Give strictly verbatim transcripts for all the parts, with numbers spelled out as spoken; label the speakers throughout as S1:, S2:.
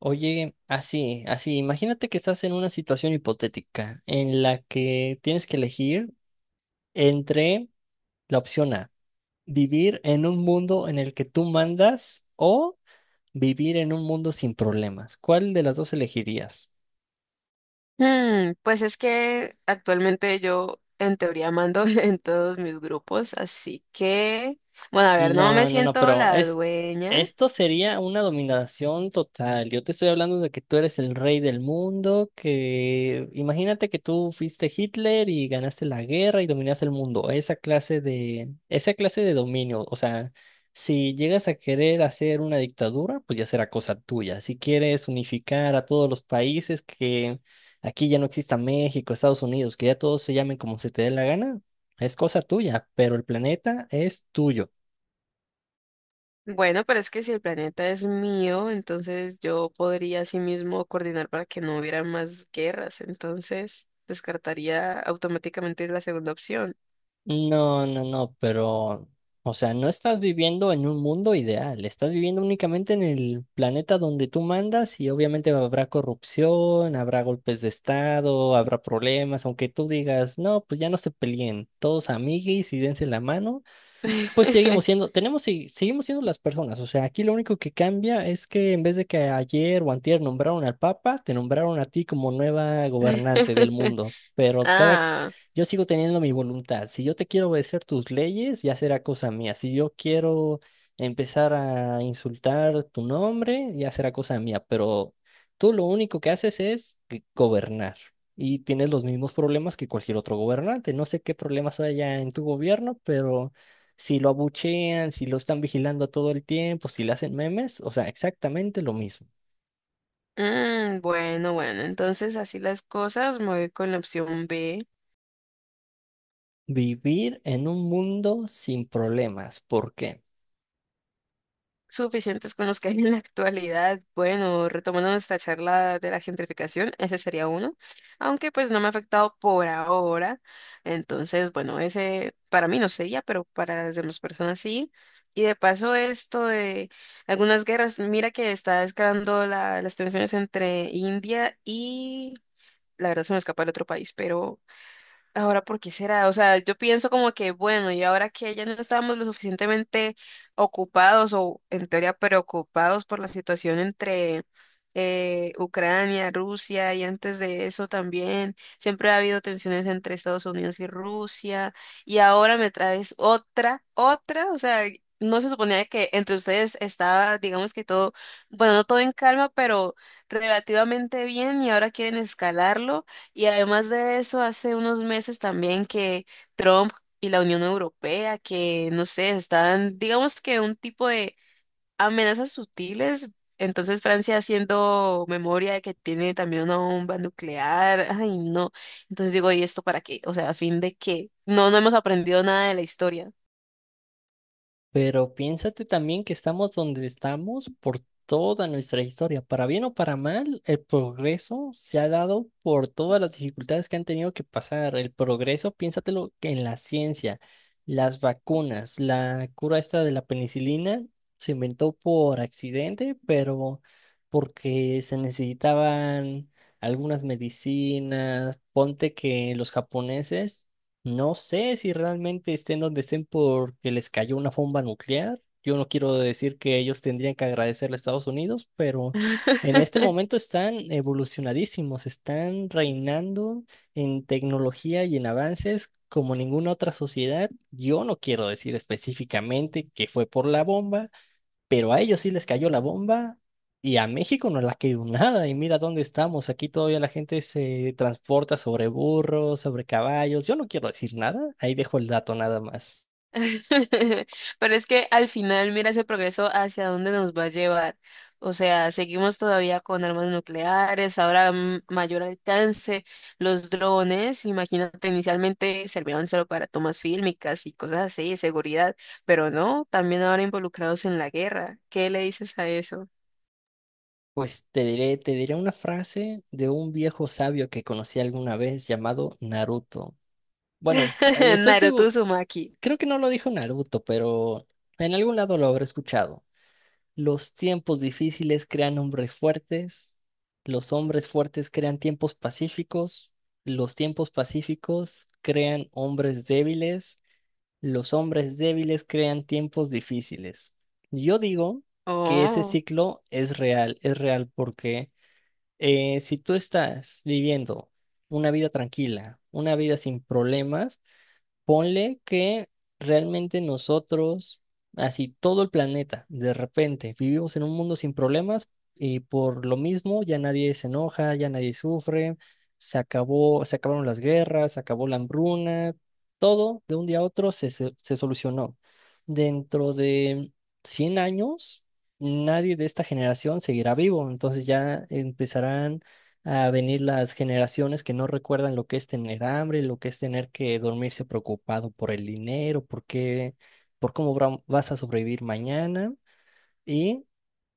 S1: Oye, así, así, imagínate que estás en una situación hipotética en la que tienes que elegir entre la opción A, vivir en un mundo en el que tú mandas o vivir en un mundo sin problemas. ¿Cuál de las dos elegirías?
S2: Mm, pues es que actualmente yo en teoría mando en todos mis grupos, así que, bueno, a ver, no me
S1: No, no, no,
S2: siento
S1: pero
S2: la
S1: es,
S2: dueña.
S1: esto sería una dominación total. Yo te estoy hablando de que tú eres el rey del mundo, que imagínate que tú fuiste Hitler y ganaste la guerra y dominaste el mundo. Esa clase de, esa clase de dominio. O sea, si llegas a querer hacer una dictadura, pues ya será cosa tuya. Si quieres unificar a todos los países, que aquí ya no exista México, Estados Unidos, que ya todos se llamen como se te dé la gana, es cosa tuya, pero el planeta es tuyo.
S2: Bueno, pero es que si el planeta es mío, entonces yo podría así mismo coordinar para que no hubiera más guerras, entonces descartaría automáticamente la segunda opción.
S1: No, no, no, pero, o sea, no estás viviendo en un mundo ideal, estás viviendo únicamente en el planeta donde tú mandas y obviamente habrá corrupción, habrá golpes de estado, habrá problemas, aunque tú digas, no, pues ya no se peleen, todos amiguis y dense la mano. Pues seguimos siendo, tenemos, sí, seguimos siendo las personas. O sea, aquí lo único que cambia es que en vez de que ayer o antier nombraron al Papa, te nombraron a ti como nueva gobernante del mundo. Pero cada,
S2: Ah,
S1: yo sigo teniendo mi voluntad. Si yo te quiero obedecer tus leyes, ya será cosa mía. Si yo quiero empezar a insultar tu nombre, ya será cosa mía. Pero tú lo único que haces es g- gobernar. Y tienes los mismos problemas que cualquier otro gobernante. No sé qué problemas haya en tu gobierno, pero si lo abuchean, si lo están vigilando todo el tiempo, si le hacen memes, o sea, exactamente lo mismo.
S2: mm, bueno, bueno, entonces así las cosas, me voy con la opción B.
S1: Vivir en un mundo sin problemas. ¿Por qué?
S2: Suficientes con los que hay en la actualidad. Bueno, retomando nuestra charla de la gentrificación, ese sería uno, aunque pues no me ha afectado por ahora. Entonces, bueno, ese para mí no sería, pero para las demás personas sí. Y de paso esto de algunas guerras, mira que está escalando la- las tensiones entre India y, la verdad se me escapa el otro país, pero ahora, ¿por qué será? O sea, yo pienso como que, bueno, y ahora que ya no estábamos lo suficientemente ocupados o en teoría preocupados por la situación entre eh, Ucrania, Rusia, y antes de eso también, siempre ha habido tensiones entre Estados Unidos y Rusia y ahora me traes otra, otra, o sea, no se suponía que entre ustedes estaba, digamos que todo, bueno, no todo en calma, pero relativamente bien, y ahora quieren escalarlo. Y además de eso, hace unos meses también que Trump y la Unión Europea, que no sé, están, digamos, que un tipo de amenazas sutiles. Entonces Francia haciendo memoria de que tiene también una bomba nuclear. Ay, no. Entonces digo, ¿y esto para qué? O sea, a fin de qué, no, no hemos aprendido nada de la historia.
S1: Pero piénsate también que estamos donde estamos por toda nuestra historia. Para bien o para mal, el progreso se ha dado por todas las dificultades que han tenido que pasar. El progreso, piénsatelo que en la ciencia, las vacunas, la cura esta de la penicilina se inventó por accidente, pero porque se necesitaban algunas medicinas. Ponte que los japoneses no sé si realmente estén donde estén porque les cayó una bomba nuclear. Yo no quiero decir que ellos tendrían que agradecerle a Estados Unidos, pero en este momento están evolucionadísimos, están reinando en tecnología y en avances como ninguna otra sociedad. Yo no quiero decir específicamente que fue por la bomba, pero a ellos sí les cayó la bomba y a México no le ha caído nada. Y mira dónde estamos. Aquí todavía la gente se transporta sobre burros, sobre caballos. Yo no quiero decir nada. Ahí dejo el dato nada más.
S2: Pero es que al final, mira ese progreso hacia dónde nos va a llevar. O sea, seguimos todavía con armas nucleares, ahora mm, mayor alcance, los drones, imagínate, inicialmente servían solo para tomas fílmicas y cosas así, de seguridad, pero no, también ahora involucrados en la guerra. ¿Qué le dices a eso?
S1: Pues te diré, te diré una frase de un viejo sabio que conocí alguna vez llamado Naruto. Bueno, eh, estoy
S2: Naruto
S1: seguro,
S2: Uzumaki.
S1: creo que no lo dijo Naruto, pero en algún lado lo habré escuchado. Los tiempos difíciles crean hombres fuertes, los hombres fuertes crean tiempos pacíficos, los tiempos pacíficos crean hombres débiles, los hombres débiles crean tiempos difíciles. Yo digo que ese
S2: Oh,
S1: ciclo es real, es real porque eh, si tú estás viviendo una vida tranquila, una vida sin problemas, ponle que realmente nosotros, así todo el planeta, de repente, vivimos en un mundo sin problemas y por lo mismo ya nadie se enoja, ya nadie sufre, se acabó, se acabaron las guerras, se acabó la hambruna, todo de un día a otro se, se, se solucionó. Dentro de cien años, nadie de esta generación seguirá vivo, entonces ya empezarán a venir las generaciones que no recuerdan lo que es tener hambre, lo que es tener que dormirse preocupado por el dinero, por qué, por cómo bra- vas a sobrevivir mañana. Y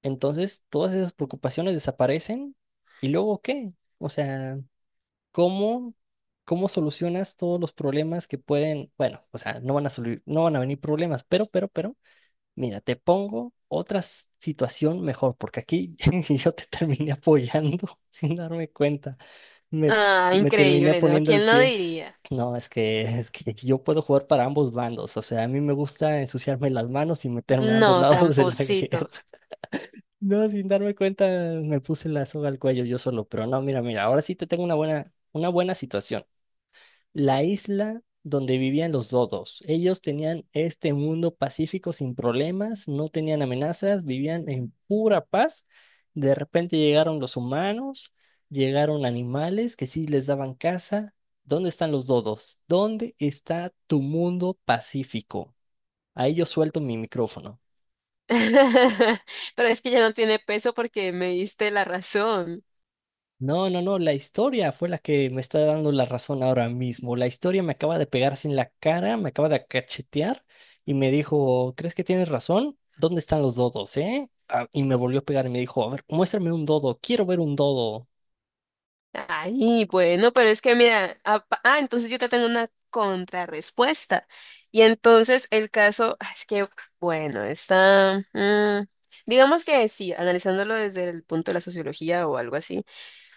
S1: entonces todas esas preocupaciones desaparecen. ¿Y luego qué? O sea, ¿cómo, cómo solucionas todos los problemas que pueden, bueno, o sea, no van a solu- no van a venir problemas, pero, pero, pero, mira, te pongo otra s- situación mejor, porque aquí yo te terminé apoyando sin darme cuenta. Me,
S2: ah,
S1: me terminé
S2: increíble, ¿no?
S1: poniendo el
S2: ¿Quién lo
S1: pie.
S2: diría?
S1: No, es que, es que yo puedo jugar para ambos bandos. O sea, a mí me gusta ensuciarme las manos y meterme a ambos
S2: No,
S1: lados de la guerra.
S2: tramposito.
S1: No, sin darme cuenta, me puse la soga al cuello yo solo. Pero no, mira, mira, ahora sí te tengo una buena, una buena situación la isla donde vivían los dodos. Ellos tenían este mundo pacífico sin problemas, no tenían amenazas, vivían en pura paz. De repente llegaron los humanos, llegaron animales que sí les daban caza. ¿Dónde están los dodos? ¿Dónde está tu mundo pacífico? Ahí yo suelto mi micrófono.
S2: Pero es que ya no tiene peso porque me diste la razón.
S1: No, no, no, la historia fue la que me está dando la razón ahora mismo. La historia me acaba de pegar sin la cara, me acaba de cachetear y me dijo, ¿crees que tienes razón? ¿Dónde están los dodos, eh? Ah, y me volvió a pegar y me dijo, a ver, muéstrame un dodo, quiero ver un dodo.
S2: Ay, bueno, pero es que mira, apa- ah, entonces yo te tengo una contrarrespuesta. Y entonces el caso, ah, es que, bueno, está, mm, digamos que sí, analizándolo desde el punto de la sociología o algo así.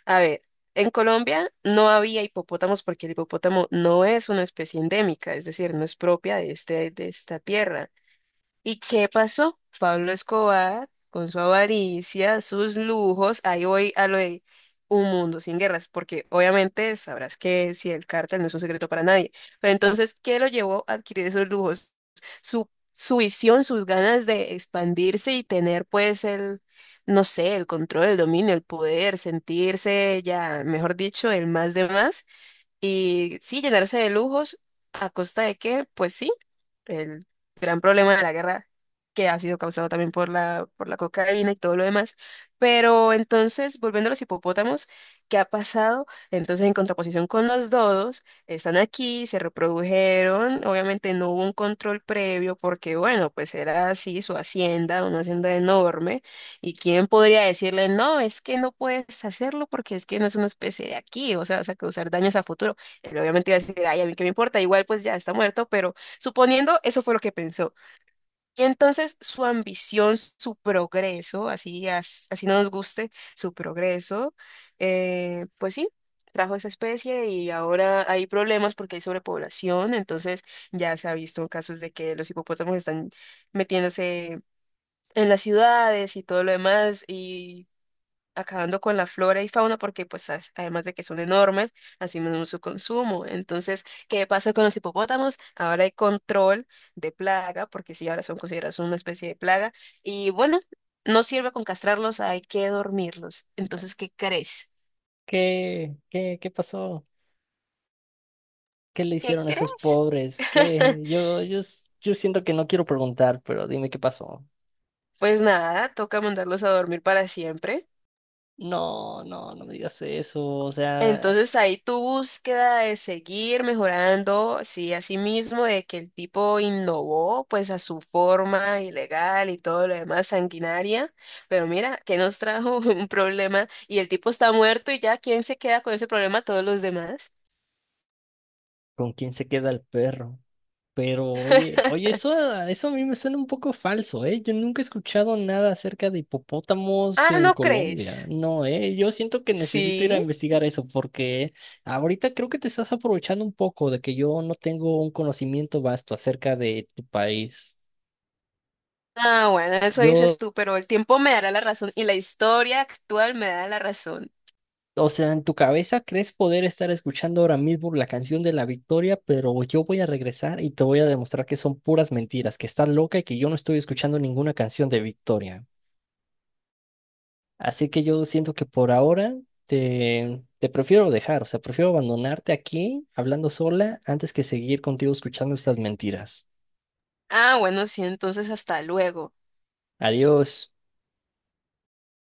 S2: A ver, en Colombia no había hipopótamos porque el hipopótamo no es una especie endémica, es decir, no es propia de este, de esta tierra. ¿Y qué pasó? Pablo Escobar, con su avaricia, sus lujos, ahí voy a lo de un mundo sin guerras, porque obviamente sabrás que si el cártel no es un secreto para nadie. Pero entonces, ¿qué lo llevó a adquirir esos lujos? Su, su visión, sus ganas de expandirse y tener pues el, no sé, el control, el dominio, el poder, sentirse ya, mejor dicho, el más de más, y sí, llenarse de lujos. ¿A costa de qué? Pues sí, el gran problema de la guerra, que ha sido causado también por la, por la cocaína y todo lo demás. Pero entonces, volviendo a los hipopótamos, ¿qué ha pasado? Entonces, en contraposición con los dodos, están aquí, se reprodujeron, obviamente no hubo un control previo porque, bueno, pues era así su hacienda, una hacienda enorme, y quién podría decirle, no, es que no puedes hacerlo porque es que no es una especie de aquí, o sea, vas a causar daños a futuro. Él obviamente iba a decir, ay, a mí qué me importa, igual pues ya está muerto, pero suponiendo, eso fue lo que pensó. Y entonces su ambición, su progreso, así, as- así no nos guste, su progreso, eh, pues sí, trajo esa especie y ahora hay problemas porque hay sobrepoblación, entonces ya se ha visto casos de que los hipopótamos están metiéndose en las ciudades y todo lo demás, y acabando con la flora y fauna porque pues as- además de que son enormes, así mismo su consumo. Entonces, ¿qué pasa con los hipopótamos? Ahora hay control de plaga, porque sí, ahora son considerados una especie de plaga. Y bueno, no sirve con castrarlos, hay que dormirlos. Entonces, ¿qué crees?
S1: ¿Qué? ¿Qué? ¿Qué pasó? ¿Qué le
S2: ¿Qué
S1: hicieron a esos
S2: crees?
S1: pobres? ¿Qué? Yo, yo, s- yo siento que no quiero preguntar, pero dime qué pasó.
S2: Pues nada, toca mandarlos a dormir para siempre.
S1: No, no, no me digas eso. O sea,
S2: Entonces ahí tu búsqueda de seguir mejorando, sí, así mismo, de que el tipo innovó pues a su forma ilegal y todo lo demás sanguinaria, pero mira, que nos trajo un problema y el tipo está muerto y ya, ¿quién se queda con ese problema? Todos los demás.
S1: ¿con quién se queda el perro? Pero oye, oye, eso, a- eso a mí me suena un poco falso, ¿eh? Yo nunca he escuchado nada acerca de hipopótamos
S2: Ah,
S1: en
S2: ¿no
S1: Colombia.
S2: crees?
S1: No, ¿eh? Yo siento que necesito ir a
S2: Sí.
S1: investigar eso porque ahorita creo que te estás aprovechando un poco de que yo no tengo un conocimiento vasto acerca de tu país.
S2: Ah, bueno, eso dices tú, pero el tiempo me dará la razón y la historia actual me da la razón.
S1: O sea, en tu cabeza crees poder estar escuchando ahora mismo la canción de la victoria, pero yo voy a regresar y te voy a demostrar que son puras mentiras, que estás loca y que yo no estoy escuchando ninguna canción de victoria. Así que yo siento que por ahora te, te prefiero dejar, o sea, prefiero abandonarte aquí hablando sola antes que seguir contigo escuchando estas mentiras.
S2: Ah, bueno, sí, entonces hasta luego.
S1: Adiós.